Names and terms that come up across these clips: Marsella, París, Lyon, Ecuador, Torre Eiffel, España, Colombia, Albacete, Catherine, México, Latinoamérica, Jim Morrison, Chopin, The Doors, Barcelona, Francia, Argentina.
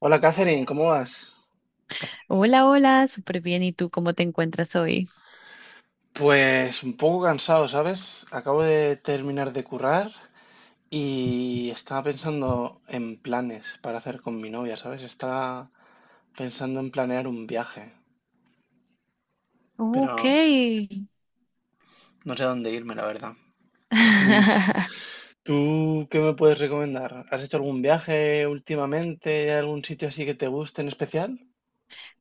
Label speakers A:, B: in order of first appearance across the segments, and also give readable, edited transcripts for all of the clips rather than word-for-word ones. A: Hola Catherine, ¿cómo vas?
B: Hola, hola, súper bien. ¿Y tú cómo te encuentras hoy?
A: Pues un poco cansado, ¿sabes? Acabo de terminar de currar y estaba pensando en planes para hacer con mi novia, ¿sabes? Estaba pensando en planear un viaje,
B: Ok.
A: pero no sé a dónde irme, la verdad. ¿Tú, tú qué me puedes recomendar? ¿Has hecho algún viaje últimamente? ¿Hay ¿Algún sitio así que te guste en especial?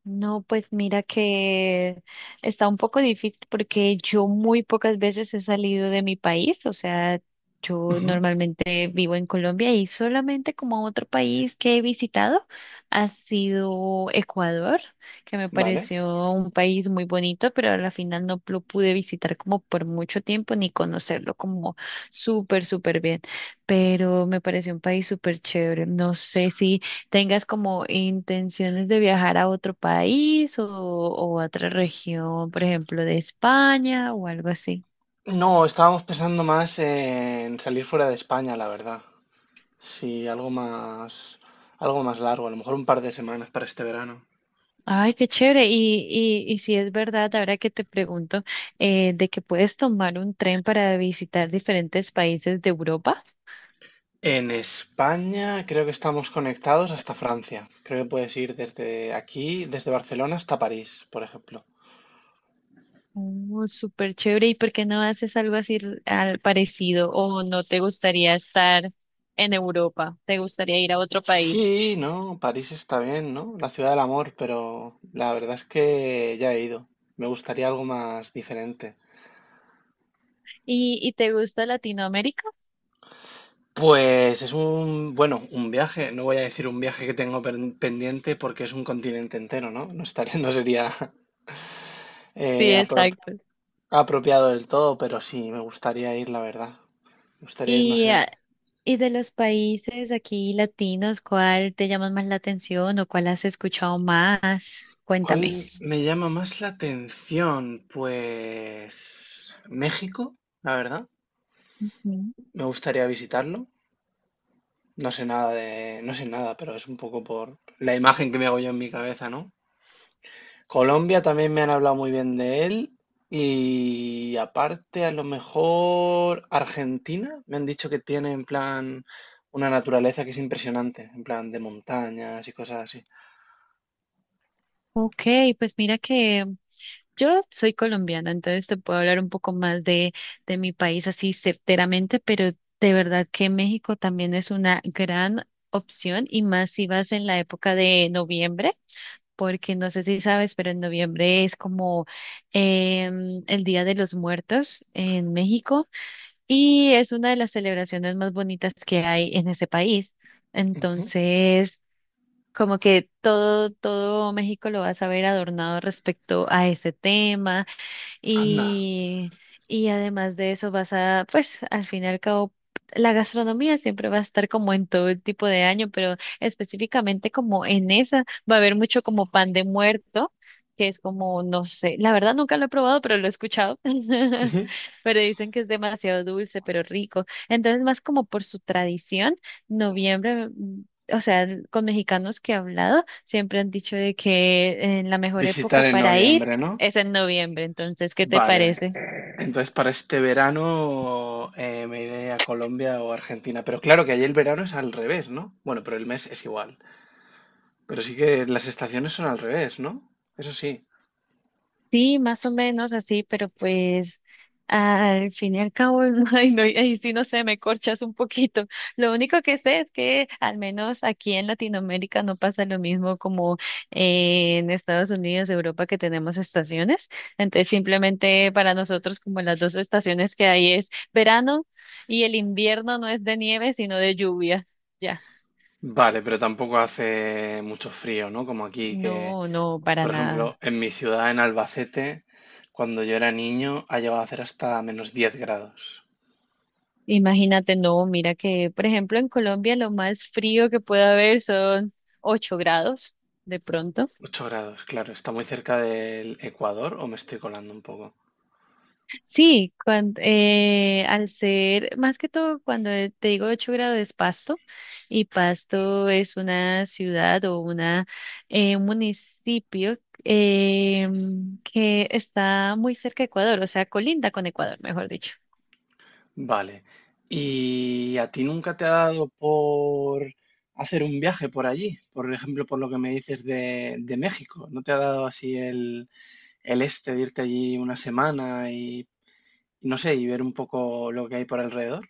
B: No, pues mira que está un poco difícil porque yo muy pocas veces he salido de mi país, o sea, yo
A: Ujú.
B: normalmente vivo en Colombia y solamente como otro país que he visitado ha sido Ecuador, que me
A: Vale.
B: pareció un país muy bonito, pero a la final no lo pude visitar como por mucho tiempo ni conocerlo como súper bien, pero me pareció un país súper chévere. No sé si tengas como intenciones de viajar a otro país o a otra región, por ejemplo, de España o algo así.
A: No, estábamos pensando más en salir fuera de España, la verdad. Sí, algo más largo, a lo mejor un par de semanas para este verano.
B: Ay, qué chévere. Y si es verdad, ahora que te pregunto, de que puedes tomar un tren para visitar diferentes países de Europa.
A: En España creo que estamos conectados hasta Francia. Creo que puedes ir desde aquí, desde Barcelona hasta París, por ejemplo.
B: Oh, súper chévere. ¿Y por qué no haces algo así al parecido? ¿O no te gustaría estar en Europa? ¿Te gustaría ir a otro país?
A: Sí, no, París está bien, ¿no? La ciudad del amor, pero la verdad es que ya he ido. Me gustaría algo más diferente.
B: ¿Y te gusta Latinoamérica?
A: Pues es un, bueno, un viaje, no voy a decir un viaje que tengo pendiente porque es un continente entero, ¿no? No sería
B: Sí,
A: apro.
B: exacto.
A: Apropiado del todo, pero sí, me gustaría ir, la verdad. Me gustaría ir, no
B: Y,
A: sé.
B: ah, y de los países aquí latinos, ¿cuál te llama más la atención o cuál has escuchado más? Cuéntame.
A: ¿Cuál me llama más la atención? Pues México, la verdad.
B: Ujú.
A: Me gustaría visitarlo. No sé nada, pero es un poco por la imagen que me hago yo en mi cabeza, ¿no? Colombia también me han hablado muy bien de él. Y aparte, a lo mejor Argentina, me han dicho que tiene en plan una naturaleza que es impresionante, en plan de montañas y cosas así.
B: Ok, pues mira que yo soy colombiana, entonces te puedo hablar un poco más de mi país así certeramente, pero de verdad que México también es una gran opción y más si vas en la época de noviembre, porque no sé si sabes, pero en noviembre es como el Día de los Muertos en México. Y es una de las celebraciones más bonitas que hay en ese país. Entonces, como que todo México lo vas a ver adornado respecto a ese tema.
A: Anda.
B: Y, y además de eso vas a, pues al fin y al cabo, la gastronomía siempre va a estar como en todo el tipo de año, pero específicamente como en esa va a haber mucho como pan de muerto, que es como, no sé, la verdad nunca lo he probado, pero lo he escuchado,
A: Ujú.
B: pero dicen que es demasiado dulce, pero rico. Entonces, más como por su tradición, noviembre... mm, O sea, con mexicanos que he hablado, siempre han dicho de que en la mejor
A: Visitar
B: época
A: en
B: para ir
A: noviembre, ¿no?
B: es en noviembre, entonces, ¿qué te
A: Vale.
B: parece?
A: Entonces para este verano me iré a Colombia o Argentina. Pero claro que allí el verano es al revés, ¿no? Bueno, pero el mes es igual. Pero sí que las estaciones son al revés, ¿no? Eso sí.
B: Sí, más o menos así, pero pues al fin y al cabo, ay, no, ay, sí, no sé, me corchas un poquito. Lo único que sé es que al menos aquí en Latinoamérica no pasa lo mismo como en Estados Unidos, Europa, que tenemos estaciones. Entonces, simplemente para nosotros como las dos estaciones que hay es verano y el invierno no es de nieve, sino de lluvia. Ya,
A: Vale, pero tampoco hace mucho frío, ¿no? Como aquí, que,
B: no, no, para
A: por ejemplo,
B: nada.
A: en mi ciudad, en Albacete, cuando yo era niño, ha llegado a hacer hasta -10 grados.
B: Imagínate, no, mira que, por ejemplo, en Colombia lo más frío que puede haber son 8 grados, de pronto.
A: 8 grados, claro. ¿Está muy cerca del Ecuador o me estoy colando un poco?
B: Sí, al ser, más que todo, cuando te digo 8 grados es Pasto, y Pasto es una ciudad o una, un municipio que está muy cerca de Ecuador, o sea, colinda con Ecuador, mejor dicho.
A: Vale. ¿Y a ti nunca te ha dado por hacer un viaje por allí? Por ejemplo, por lo que me dices de México. ¿No te ha dado así el este de irte allí una semana y, no sé, y ver un poco lo que hay por alrededor?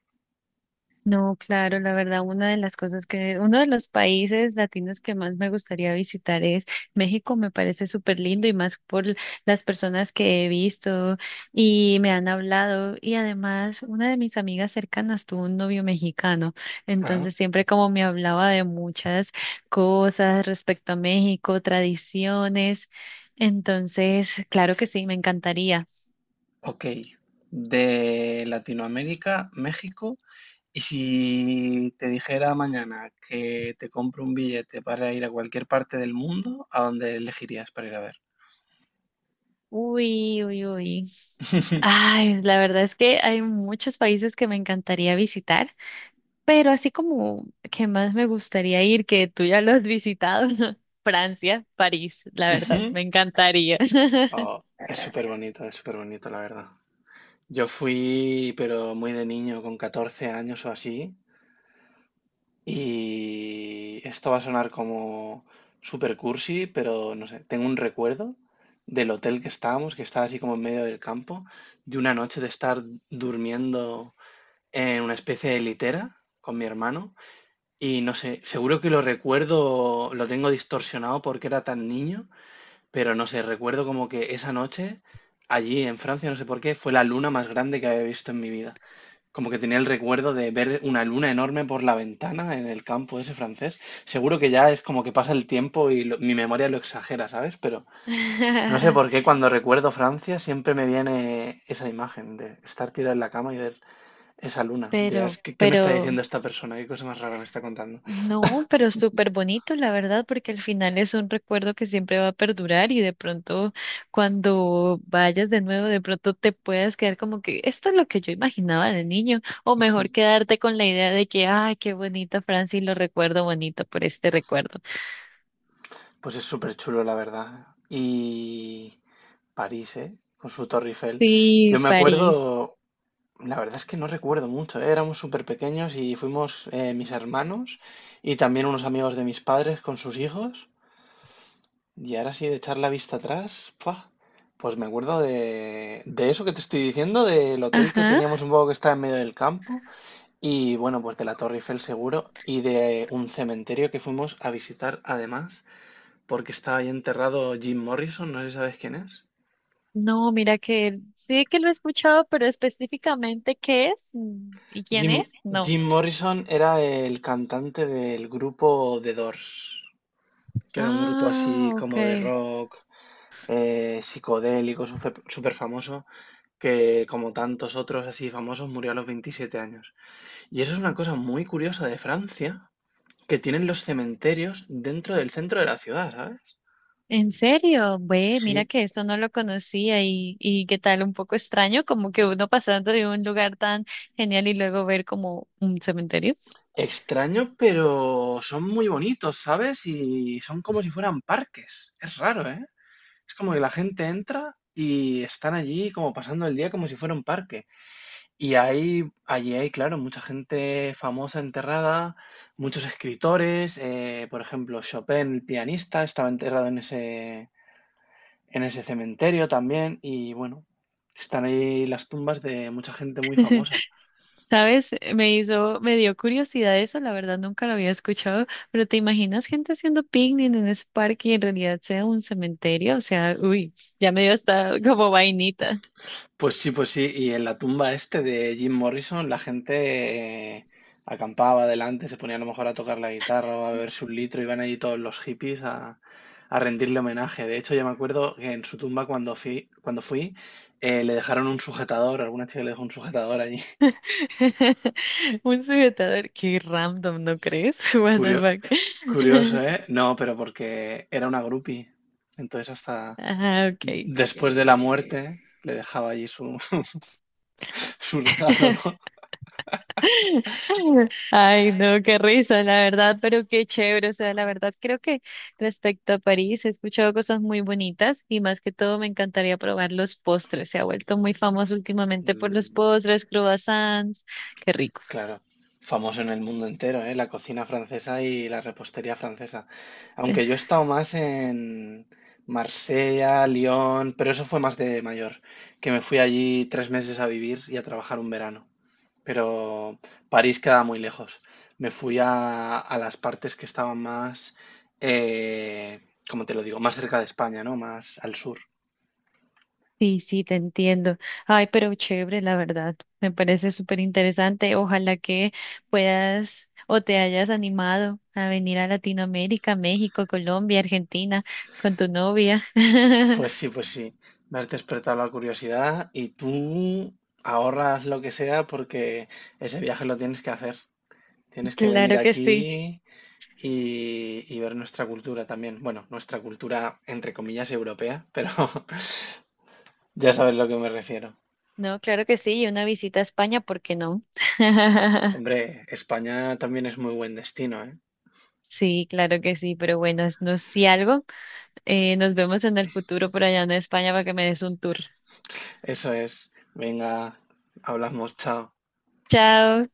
B: No, claro, la verdad, una de las cosas que, uno de los países latinos que más me gustaría visitar es México, me parece súper lindo y más por las personas que he visto y me han hablado y además una de mis amigas cercanas tuvo un novio mexicano,
A: Ajá,
B: entonces siempre como me hablaba de muchas cosas respecto a México, tradiciones, entonces, claro que sí, me encantaría.
A: ok. De Latinoamérica, México. Y si te dijera mañana que te compro un billete para ir a cualquier parte del mundo, ¿a dónde elegirías para ir a ver?
B: Uy. Ay, la verdad es que hay muchos países que me encantaría visitar, pero así como que más me gustaría ir, que tú ya lo has visitado, Francia, París, la verdad, me encantaría.
A: Oh, es súper bonito, la verdad. Yo fui, pero muy de niño, con 14 años o así, y esto va a sonar como súper cursi, pero no sé, tengo un recuerdo del hotel que estábamos, que estaba así como en medio del campo, de una noche de estar durmiendo en una especie de litera con mi hermano, y no sé, seguro que lo recuerdo, lo tengo distorsionado porque era tan niño, pero no sé, recuerdo como que esa noche, allí en Francia, no sé por qué, fue la luna más grande que había visto en mi vida. Como que tenía el recuerdo de ver una luna enorme por la ventana en el campo ese francés. Seguro que ya es como que pasa el tiempo y mi memoria lo exagera, ¿sabes? Pero no sé por qué cuando recuerdo Francia siempre me viene esa imagen de estar tirado en la cama y ver esa luna. Dirás,
B: Pero,
A: ¿qué me está
B: pero
A: diciendo esta persona? ¿Qué cosa más rara me está contando?
B: no, pero súper bonito, la verdad, porque al final es un recuerdo que siempre va a perdurar y de pronto cuando vayas de nuevo, de pronto te puedas quedar como que esto es lo que yo imaginaba de niño, o mejor quedarte con la idea de que, ay, qué bonito Francis, lo recuerdo bonito por este recuerdo.
A: Pues es súper chulo, la verdad. Y... París, ¿eh? Con su Torre Eiffel. Yo
B: Sí,
A: me
B: París.
A: acuerdo, la verdad es que no recuerdo mucho, ¿eh? Éramos súper pequeños y fuimos mis hermanos y también unos amigos de mis padres con sus hijos. Y ahora sí, de echar la vista atrás, ¡fua! Pues me acuerdo de eso que te estoy diciendo, del hotel que
B: Ajá.
A: teníamos un poco que estaba en medio del campo y bueno, pues de la Torre Eiffel seguro y de un cementerio que fuimos a visitar además porque estaba ahí enterrado Jim Morrison, no sé si sabes quién es.
B: No, mira que sí que lo he escuchado, pero específicamente y quién
A: Jim,
B: es, no.
A: Jim Morrison era el cantante del grupo The Doors, que era un grupo así
B: Ah,
A: como de
B: ok.
A: rock, psicodélico, súper famoso, que como tantos otros así famosos murió a los 27 años. Y eso es una cosa muy curiosa de Francia, que tienen los cementerios dentro del centro de la ciudad, ¿sabes?
B: ¿En serio? Ve,
A: Sí,
B: mira que esto no lo conocía y qué tal, un poco extraño, como que uno pasando de un lugar tan genial y luego ver como un cementerio.
A: extraño, pero son muy bonitos, ¿sabes? Y son como si fueran parques. Es raro, ¿eh? Es como que la gente entra y están allí como pasando el día como si fuera un parque. Y hay, claro, mucha gente famosa enterrada, muchos escritores, por ejemplo, Chopin, el pianista, estaba enterrado en ese cementerio también. Y bueno, están ahí las tumbas de mucha gente muy famosa.
B: ¿Sabes? Me hizo, me dio curiosidad eso, la verdad nunca lo había escuchado, pero ¿te imaginas gente haciendo picnic en ese parque y en realidad sea un cementerio? O sea, uy, ya me dio hasta como vainita.
A: Pues sí, pues sí. Y en la tumba este de Jim Morrison, la gente acampaba delante, se ponía a lo mejor a tocar la guitarra o a beberse un litro, iban allí todos los hippies a rendirle homenaje. De hecho, yo me acuerdo que en su tumba cuando fui le dejaron un sujetador, alguna chica le dejó un sujetador allí.
B: Un sujetador, qué random, ¿no crees? What the
A: Curio-
B: fuck?
A: curioso, ¿eh? No, pero porque era una groupie. Entonces hasta
B: Ajá, ok.
A: después de la muerte le dejaba allí su, su regalo, ¿no?
B: Ay, no, qué risa, la verdad, pero qué chévere. O sea, la verdad, creo que respecto a París he escuchado cosas muy bonitas y más que todo me encantaría probar los postres. Se ha vuelto muy famoso últimamente por los
A: Mm.
B: postres, croissants. Qué rico.
A: Claro, famoso en el mundo entero, ¿eh? La cocina francesa y la repostería francesa. Aunque yo he estado más en Marsella, Lyon, pero eso fue más de mayor, que me fui allí 3 meses a vivir y a trabajar un verano. Pero París queda muy lejos. A las partes que estaban más, eh, como te lo digo, más cerca de España, ¿no? Más al sur.
B: Sí, sí, te entiendo. Ay, pero chévere, la verdad. Me parece súper interesante. Ojalá que puedas o te hayas animado a venir a Latinoamérica, México, Colombia, Argentina con tu novia.
A: Pues sí, me has despertado la curiosidad y tú ahorras lo que sea porque ese viaje lo tienes que hacer. Tienes que venir
B: Claro que sí.
A: aquí y ver nuestra cultura también. Bueno, nuestra cultura entre comillas europea, pero ya sabes a lo que me refiero.
B: No, claro que sí. Y una visita a España, ¿por qué no?
A: Hombre, España también es muy buen destino, ¿eh?
B: Sí, claro que sí. Pero bueno, no, si algo, nos vemos en el futuro por allá en España para que me des un tour.
A: Eso es. Venga, hablamos, chao.
B: Chao.